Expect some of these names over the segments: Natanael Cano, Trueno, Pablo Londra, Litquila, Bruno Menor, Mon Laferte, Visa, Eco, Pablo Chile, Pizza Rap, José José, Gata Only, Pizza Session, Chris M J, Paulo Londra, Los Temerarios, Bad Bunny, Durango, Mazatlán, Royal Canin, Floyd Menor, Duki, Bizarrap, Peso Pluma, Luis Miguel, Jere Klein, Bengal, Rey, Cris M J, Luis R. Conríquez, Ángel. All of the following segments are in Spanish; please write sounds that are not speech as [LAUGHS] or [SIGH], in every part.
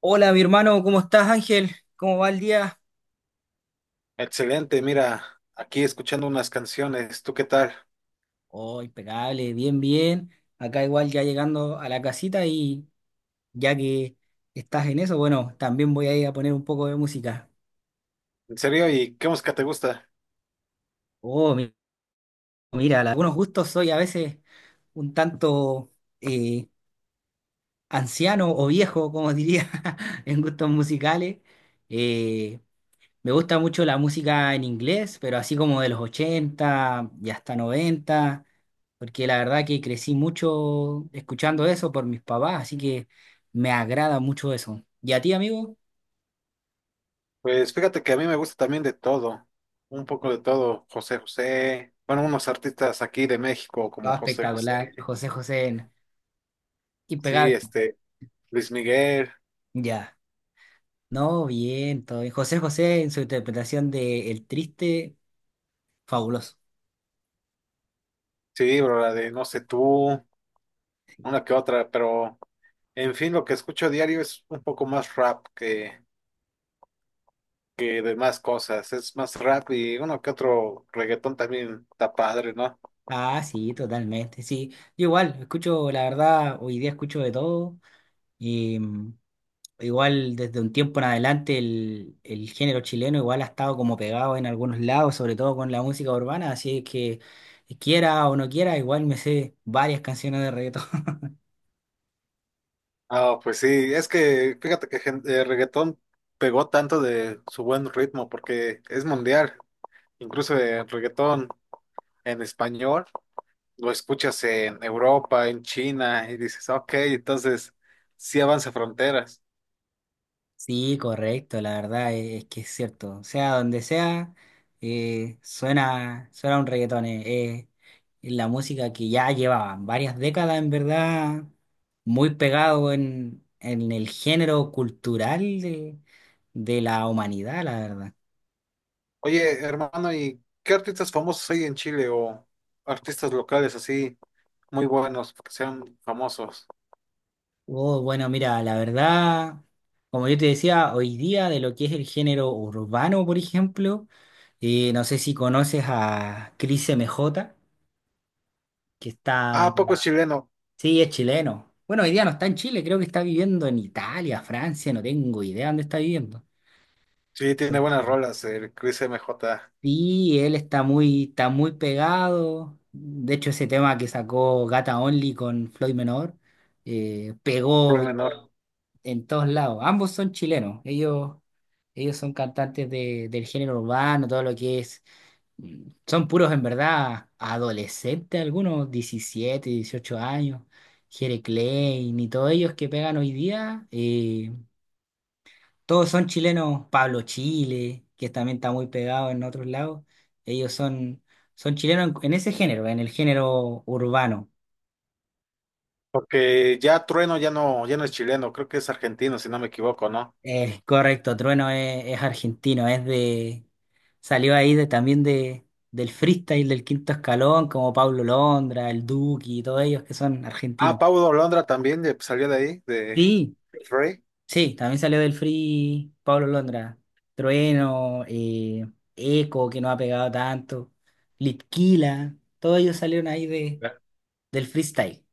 Hola, mi hermano, ¿cómo estás, Ángel? ¿Cómo va el día? Excelente, mira, aquí escuchando unas canciones, ¿tú qué tal? Oh, impecable, bien, bien. Acá igual ya llegando a la casita y ya que estás en eso, bueno, también voy a ir a poner un poco de música. ¿En serio? ¿Y qué música te gusta? Oh, mi- mira, algunos gustos soy a veces un tanto eh, anciano o viejo, como diría, [LAUGHS] en gustos musicales. Eh, Me gusta mucho la música en inglés, pero así como de los 80 y hasta 90 porque la verdad que crecí mucho escuchando eso por mis papás, así que me agrada mucho eso. ¿Y a ti, amigo? Pues fíjate que a mí me gusta también de todo, un poco de todo, José José, bueno, unos artistas aquí de México No, como José espectacular. José, José José, sí, impecable. este, Luis Miguel, Ya. No, bien, todo bien. José José en su interpretación de El Triste, fabuloso. sí, bro, la de No sé tú, una que otra, pero en fin, lo que escucho a diario es un poco más rap que demás cosas, es más rap y uno que otro reggaetón también está padre, ¿no? Ah, sí, totalmente, sí. Yo igual, escucho, la verdad, hoy día escucho de todo. Igual desde un tiempo en adelante el género chileno igual ha estado como pegado en algunos lados, sobre todo con la música urbana, así que quiera o no quiera, igual me sé varias canciones de reggaetón. [LAUGHS] Ah, pues sí, es que fíjate que reggaetón pegó tanto de su buen ritmo porque es mundial. Incluso el reggaetón en español lo escuchas en Europa, en China y dices, ok, entonces sí avanza fronteras. Sí, correcto, la verdad es que es cierto. Sea donde sea, suena, suena un reggaetón. Es la música que ya llevaba varias décadas, en verdad, muy pegado en el género cultural de la humanidad, la verdad. Oye, hermano, ¿y qué artistas famosos hay en Chile o artistas locales así muy buenos que sean famosos? Oh, bueno, mira, la verdad, como yo te decía, hoy día de lo que es el género urbano, por ejemplo, no sé si conoces a Cris M J, que Ah, está, ¿a poco es chileno? sí, es chileno. Bueno, hoy día no está en Chile, creo que está viviendo en Italia, Francia, no tengo idea dónde está viviendo. Sí, tiene buenas rolas, el Chris MJ. Sí, él está muy pegado. De hecho, ese tema que sacó Gata Only con Floyd Menor pegó Bruno Menor. en todos lados. Ambos son chilenos. Ellos son cantantes de, del género urbano, todo lo que es. Son puros en verdad adolescentes, algunos 17, 18 años. Jere Klein y todos ellos que pegan hoy día. Todos son chilenos. Pablo Chile, que también está muy pegado en otros lados. Ellos son, son chilenos en ese género, en el género urbano. Porque ya Trueno ya no, ya no es chileno, creo que es argentino, si no me equivoco, ¿no? Es correcto, Trueno es argentino, es de, salió ahí de, también de, del freestyle del quinto escalón, como Pablo Londra, el Duki y todos ellos que son Ah, argentinos. Paulo Londra también salió de ahí, de Sí, Rey. sí, también salió del free Pablo Londra, Trueno, Eco, que no ha pegado tanto, Litquila, todos ellos salieron ahí de, De del freestyle.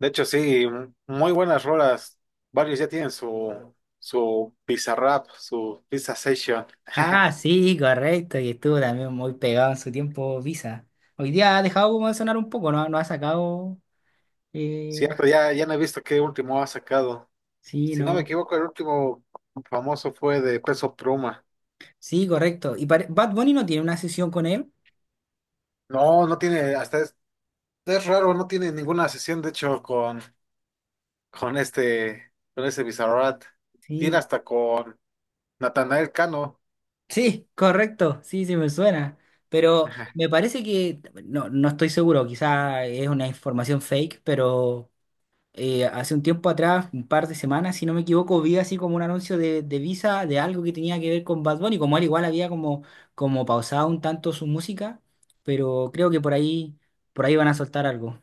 hecho, sí, muy buenas rolas. Varios ya tienen su, su Pizza Rap, su Pizza Session. Ah, sí, correcto, y estuvo también muy pegado en su tiempo Visa. Hoy día ha dejado como de sonar un poco, no, no ha sacado... eh, Cierto, ya, ya no he visto qué último ha sacado. Sí, Si no me no. equivoco, el último famoso fue de Peso Pluma. Sí, correcto. ¿Y pare- Bad Bunny no tiene una sesión con él? No, no tiene, hasta es raro, no tiene ninguna sesión, de hecho, con este, con ese Bizarrap. Tiene Sí. hasta con Natanael Cano. Sí, correcto. Sí, sí, me suena. Pero me [LAUGHS] parece que, no, no estoy seguro, quizá es una información fake, pero hace un tiempo atrás, un par de semanas, si no me equivoco, vi así como un anuncio de Visa de algo que tenía que ver con Bad Bunny, como él igual había como, como pausado un tanto su música, pero creo que por ahí van a soltar algo.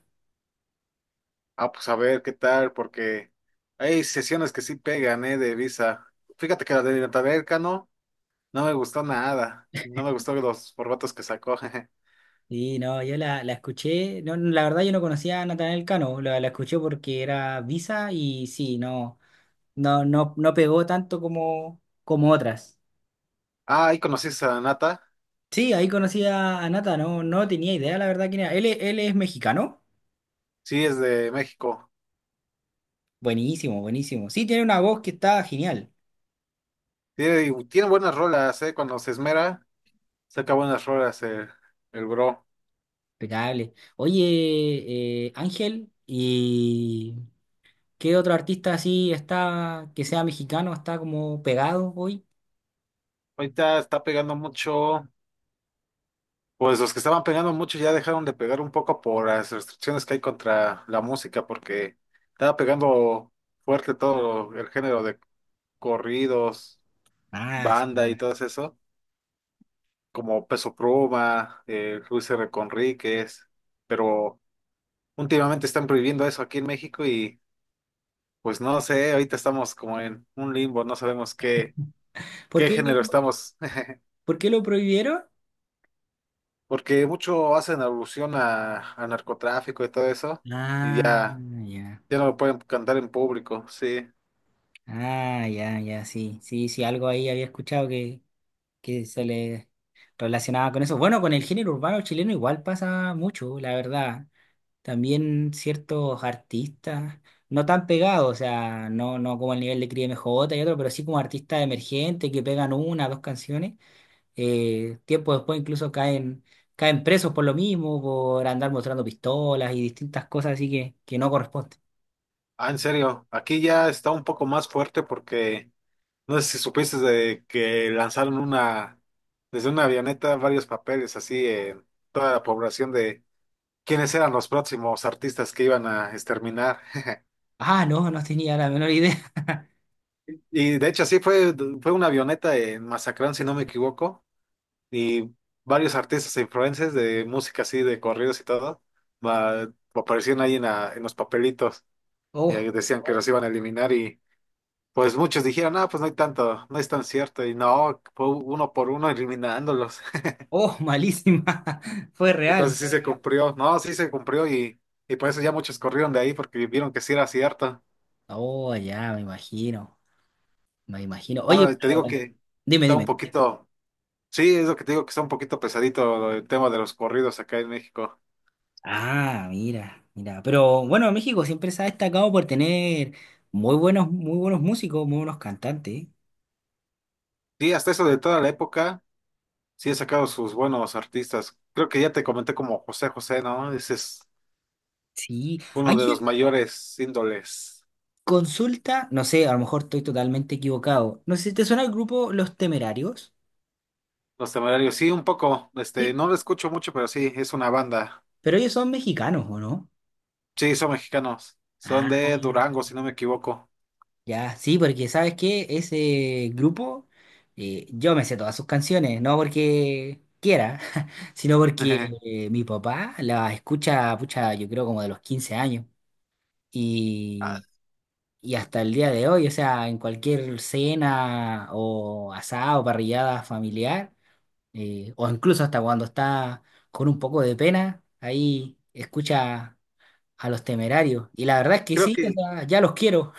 Ah, pues a ver qué tal, porque hay sesiones que sí pegan, ¿eh? De Visa. Fíjate que la de Natanael Cano no me gustó nada. No me gustó los formatos que sacó. [LAUGHS] Sí, no, yo la, la escuché, no, no, la verdad yo no conocía a Natanael Cano, la escuché porque era Visa y sí, no, no pegó tanto como, como otras. Ah, ahí conocí a Nata. Sí, ahí conocí a Nata, no, no tenía idea la verdad quién era. Él, él es mexicano, Sí, es de México. buenísimo, buenísimo. Sí, tiene una voz que está genial, Tiene, tiene buenas rolas, ¿eh? Cuando se esmera, saca buenas rolas el bro. impecable. Oye, Ángel, ¿y qué otro artista así está, que sea mexicano, está como pegado hoy? Ahorita está pegando mucho. Pues los que estaban pegando mucho ya dejaron de pegar un poco por las restricciones que hay contra la música, porque estaba pegando fuerte todo el género de corridos, Ah, banda y sí. todo eso, como Peso Pluma, Luis R. Conríquez, pero últimamente están prohibiendo eso aquí en México y pues no sé, ahorita estamos como en un limbo, no sabemos qué, ¿Por qué qué, género estamos, [LAUGHS] por qué lo prohibieron? porque mucho hacen alusión a narcotráfico y todo eso, y Ah, ya. ya. Ya no lo pueden cantar en público, sí. Ah, ya, ya, sí. Sí, sí, algo ahí había escuchado que se le relacionaba con eso. Bueno, con el género urbano chileno igual pasa mucho, la verdad. También ciertos artistas, no tan pegados, o sea, no, no como el nivel de Cris M J y otro, pero sí como artistas emergentes que pegan una, dos canciones. Tiempo después incluso caen, caen presos por lo mismo, por andar mostrando pistolas y distintas cosas así que no corresponden. Ah, en serio, aquí ya está un poco más fuerte porque no sé si supiste de que lanzaron una, desde una avioneta varios papeles así en toda la población de quiénes eran los próximos artistas que iban a exterminar. [LAUGHS] Ah, no, no tenía la menor idea. [LAUGHS] Y de hecho así fue, fue una avioneta en Mazatlán, si no me equivoco, y varios artistas e influencers de música así, de corridos y todo, aparecían ahí en, en los papelitos y Oh, ahí decían que los iban a eliminar. Pues muchos dijeron, ah, pues no hay tanto, no es tan cierto. Y no, fue uno por uno eliminándolos. [LAUGHS] oh, malísima. [LAUGHS] Fue Entonces real. sí se cumplió, no, sí se cumplió y por eso ya muchos corrieron de ahí porque vieron que sí era cierto. Oh, ya, me imagino. Me imagino. Oye, Ah, te digo pero... que Dime, está un dime. poquito, sí, es lo que te digo que está un poquito pesadito el tema de los corridos acá en México. Ah, mira, mira. Pero bueno, México siempre se ha destacado por tener muy buenos músicos, muy buenos cantantes. Sí, hasta eso de toda la época, sí he sacado sus buenos artistas. Creo que ya te comenté como José José, ¿no? Ese es Sí. uno de los Ángel, mayores índoles. consulta, no sé, a lo mejor estoy totalmente equivocado. No sé si te suena el grupo Los Temerarios. Los Temerarios, sí, un poco, este, Sí. no lo escucho mucho, pero sí, es una banda. Pero ellos son mexicanos, ¿o no? Sí, son mexicanos, Ah. son de Durango, si no me equivoco. Ya, sí, porque ¿sabes qué? Ese grupo, yo me sé todas sus canciones, no porque quiera, [LAUGHS] sino porque [LAUGHS] mi papá las escucha, pucha, yo creo como de los 15 años. Ah, Y, y hasta el día de hoy, o sea, en cualquier cena o asado, parrillada familiar, o incluso hasta cuando está con un poco de pena, ahí escucha a los temerarios. Y la verdad es que creo sí, o que, sea, ya los quiero.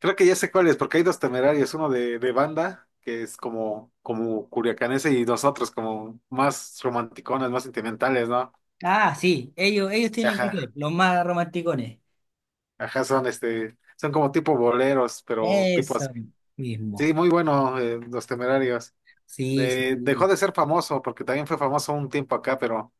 creo que ya sé cuál es, porque hay dos temerarios, uno de banda, que es como, como curiacanese, y nosotros como más romanticones, más sentimentales, ¿no? Ah, sí, ellos tienen que ser Ajá, los más romanticones. ajá, son este, son como tipo boleros, pero tipo Eso así. mismo. Sí, muy bueno, los temerarios. Sí, sí. De- dejó de ser famoso, porque también fue famoso un tiempo acá, pero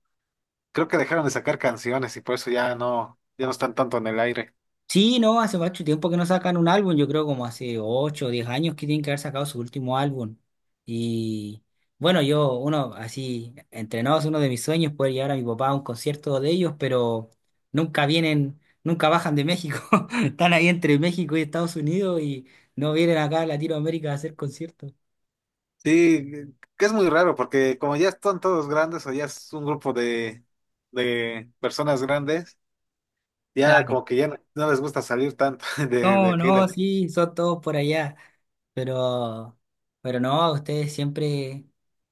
creo que dejaron de sacar canciones y por eso ya no, ya no están tanto en el aire. Sí, no, hace mucho tiempo que no sacan un álbum, yo creo como hace 8 o 10 años que tienen que haber sacado su último álbum. Y bueno, yo, uno así, entrenados, uno de mis sueños es poder llevar a mi papá a un concierto de ellos, pero nunca vienen, nunca bajan de México. [LAUGHS] Están ahí entre México y Estados Unidos y no vienen acá a Latinoamérica a hacer conciertos. Sí, que es muy raro porque como ya están todos grandes o ya es un grupo de personas grandes, ya Claro. como que ya no, no les gusta salir tanto [LAUGHS] de No, aquí de no, México. sí, son todos por allá. Pero, pero no, ustedes siempre,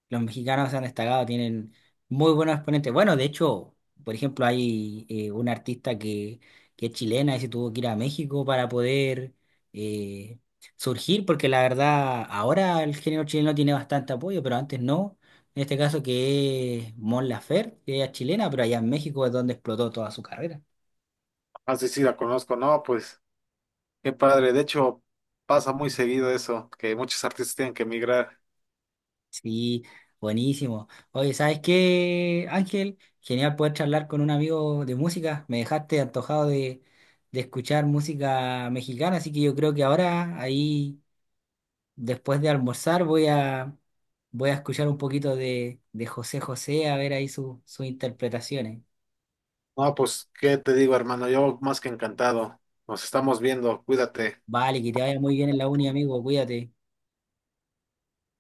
los mexicanos se han destacado, tienen muy buenos exponentes. Bueno, de hecho, por ejemplo, hay una artista que es chilena y se tuvo que ir a México para poder eh, surgir, porque la verdad, ahora el género chileno tiene bastante apoyo, pero antes no. En este caso que es Mon Laferte, que ella es chilena, pero allá en México es donde explotó toda su carrera. Así sí la conozco, no, pues qué padre. De hecho, pasa muy seguido eso, que muchos artistas tienen que emigrar. Sí, buenísimo. Oye, ¿sabes qué, Ángel? Genial poder charlar con un amigo de música. Me dejaste antojado de escuchar música mexicana, así que yo creo que ahora, ahí, después de almorzar, voy a, voy a escuchar un poquito de José José, a ver ahí sus interpretaciones. No, pues, ¿qué te digo, hermano? Yo más que encantado. Nos estamos viendo, cuídate. Vale, que te vaya muy bien en la uni, amigo, cuídate.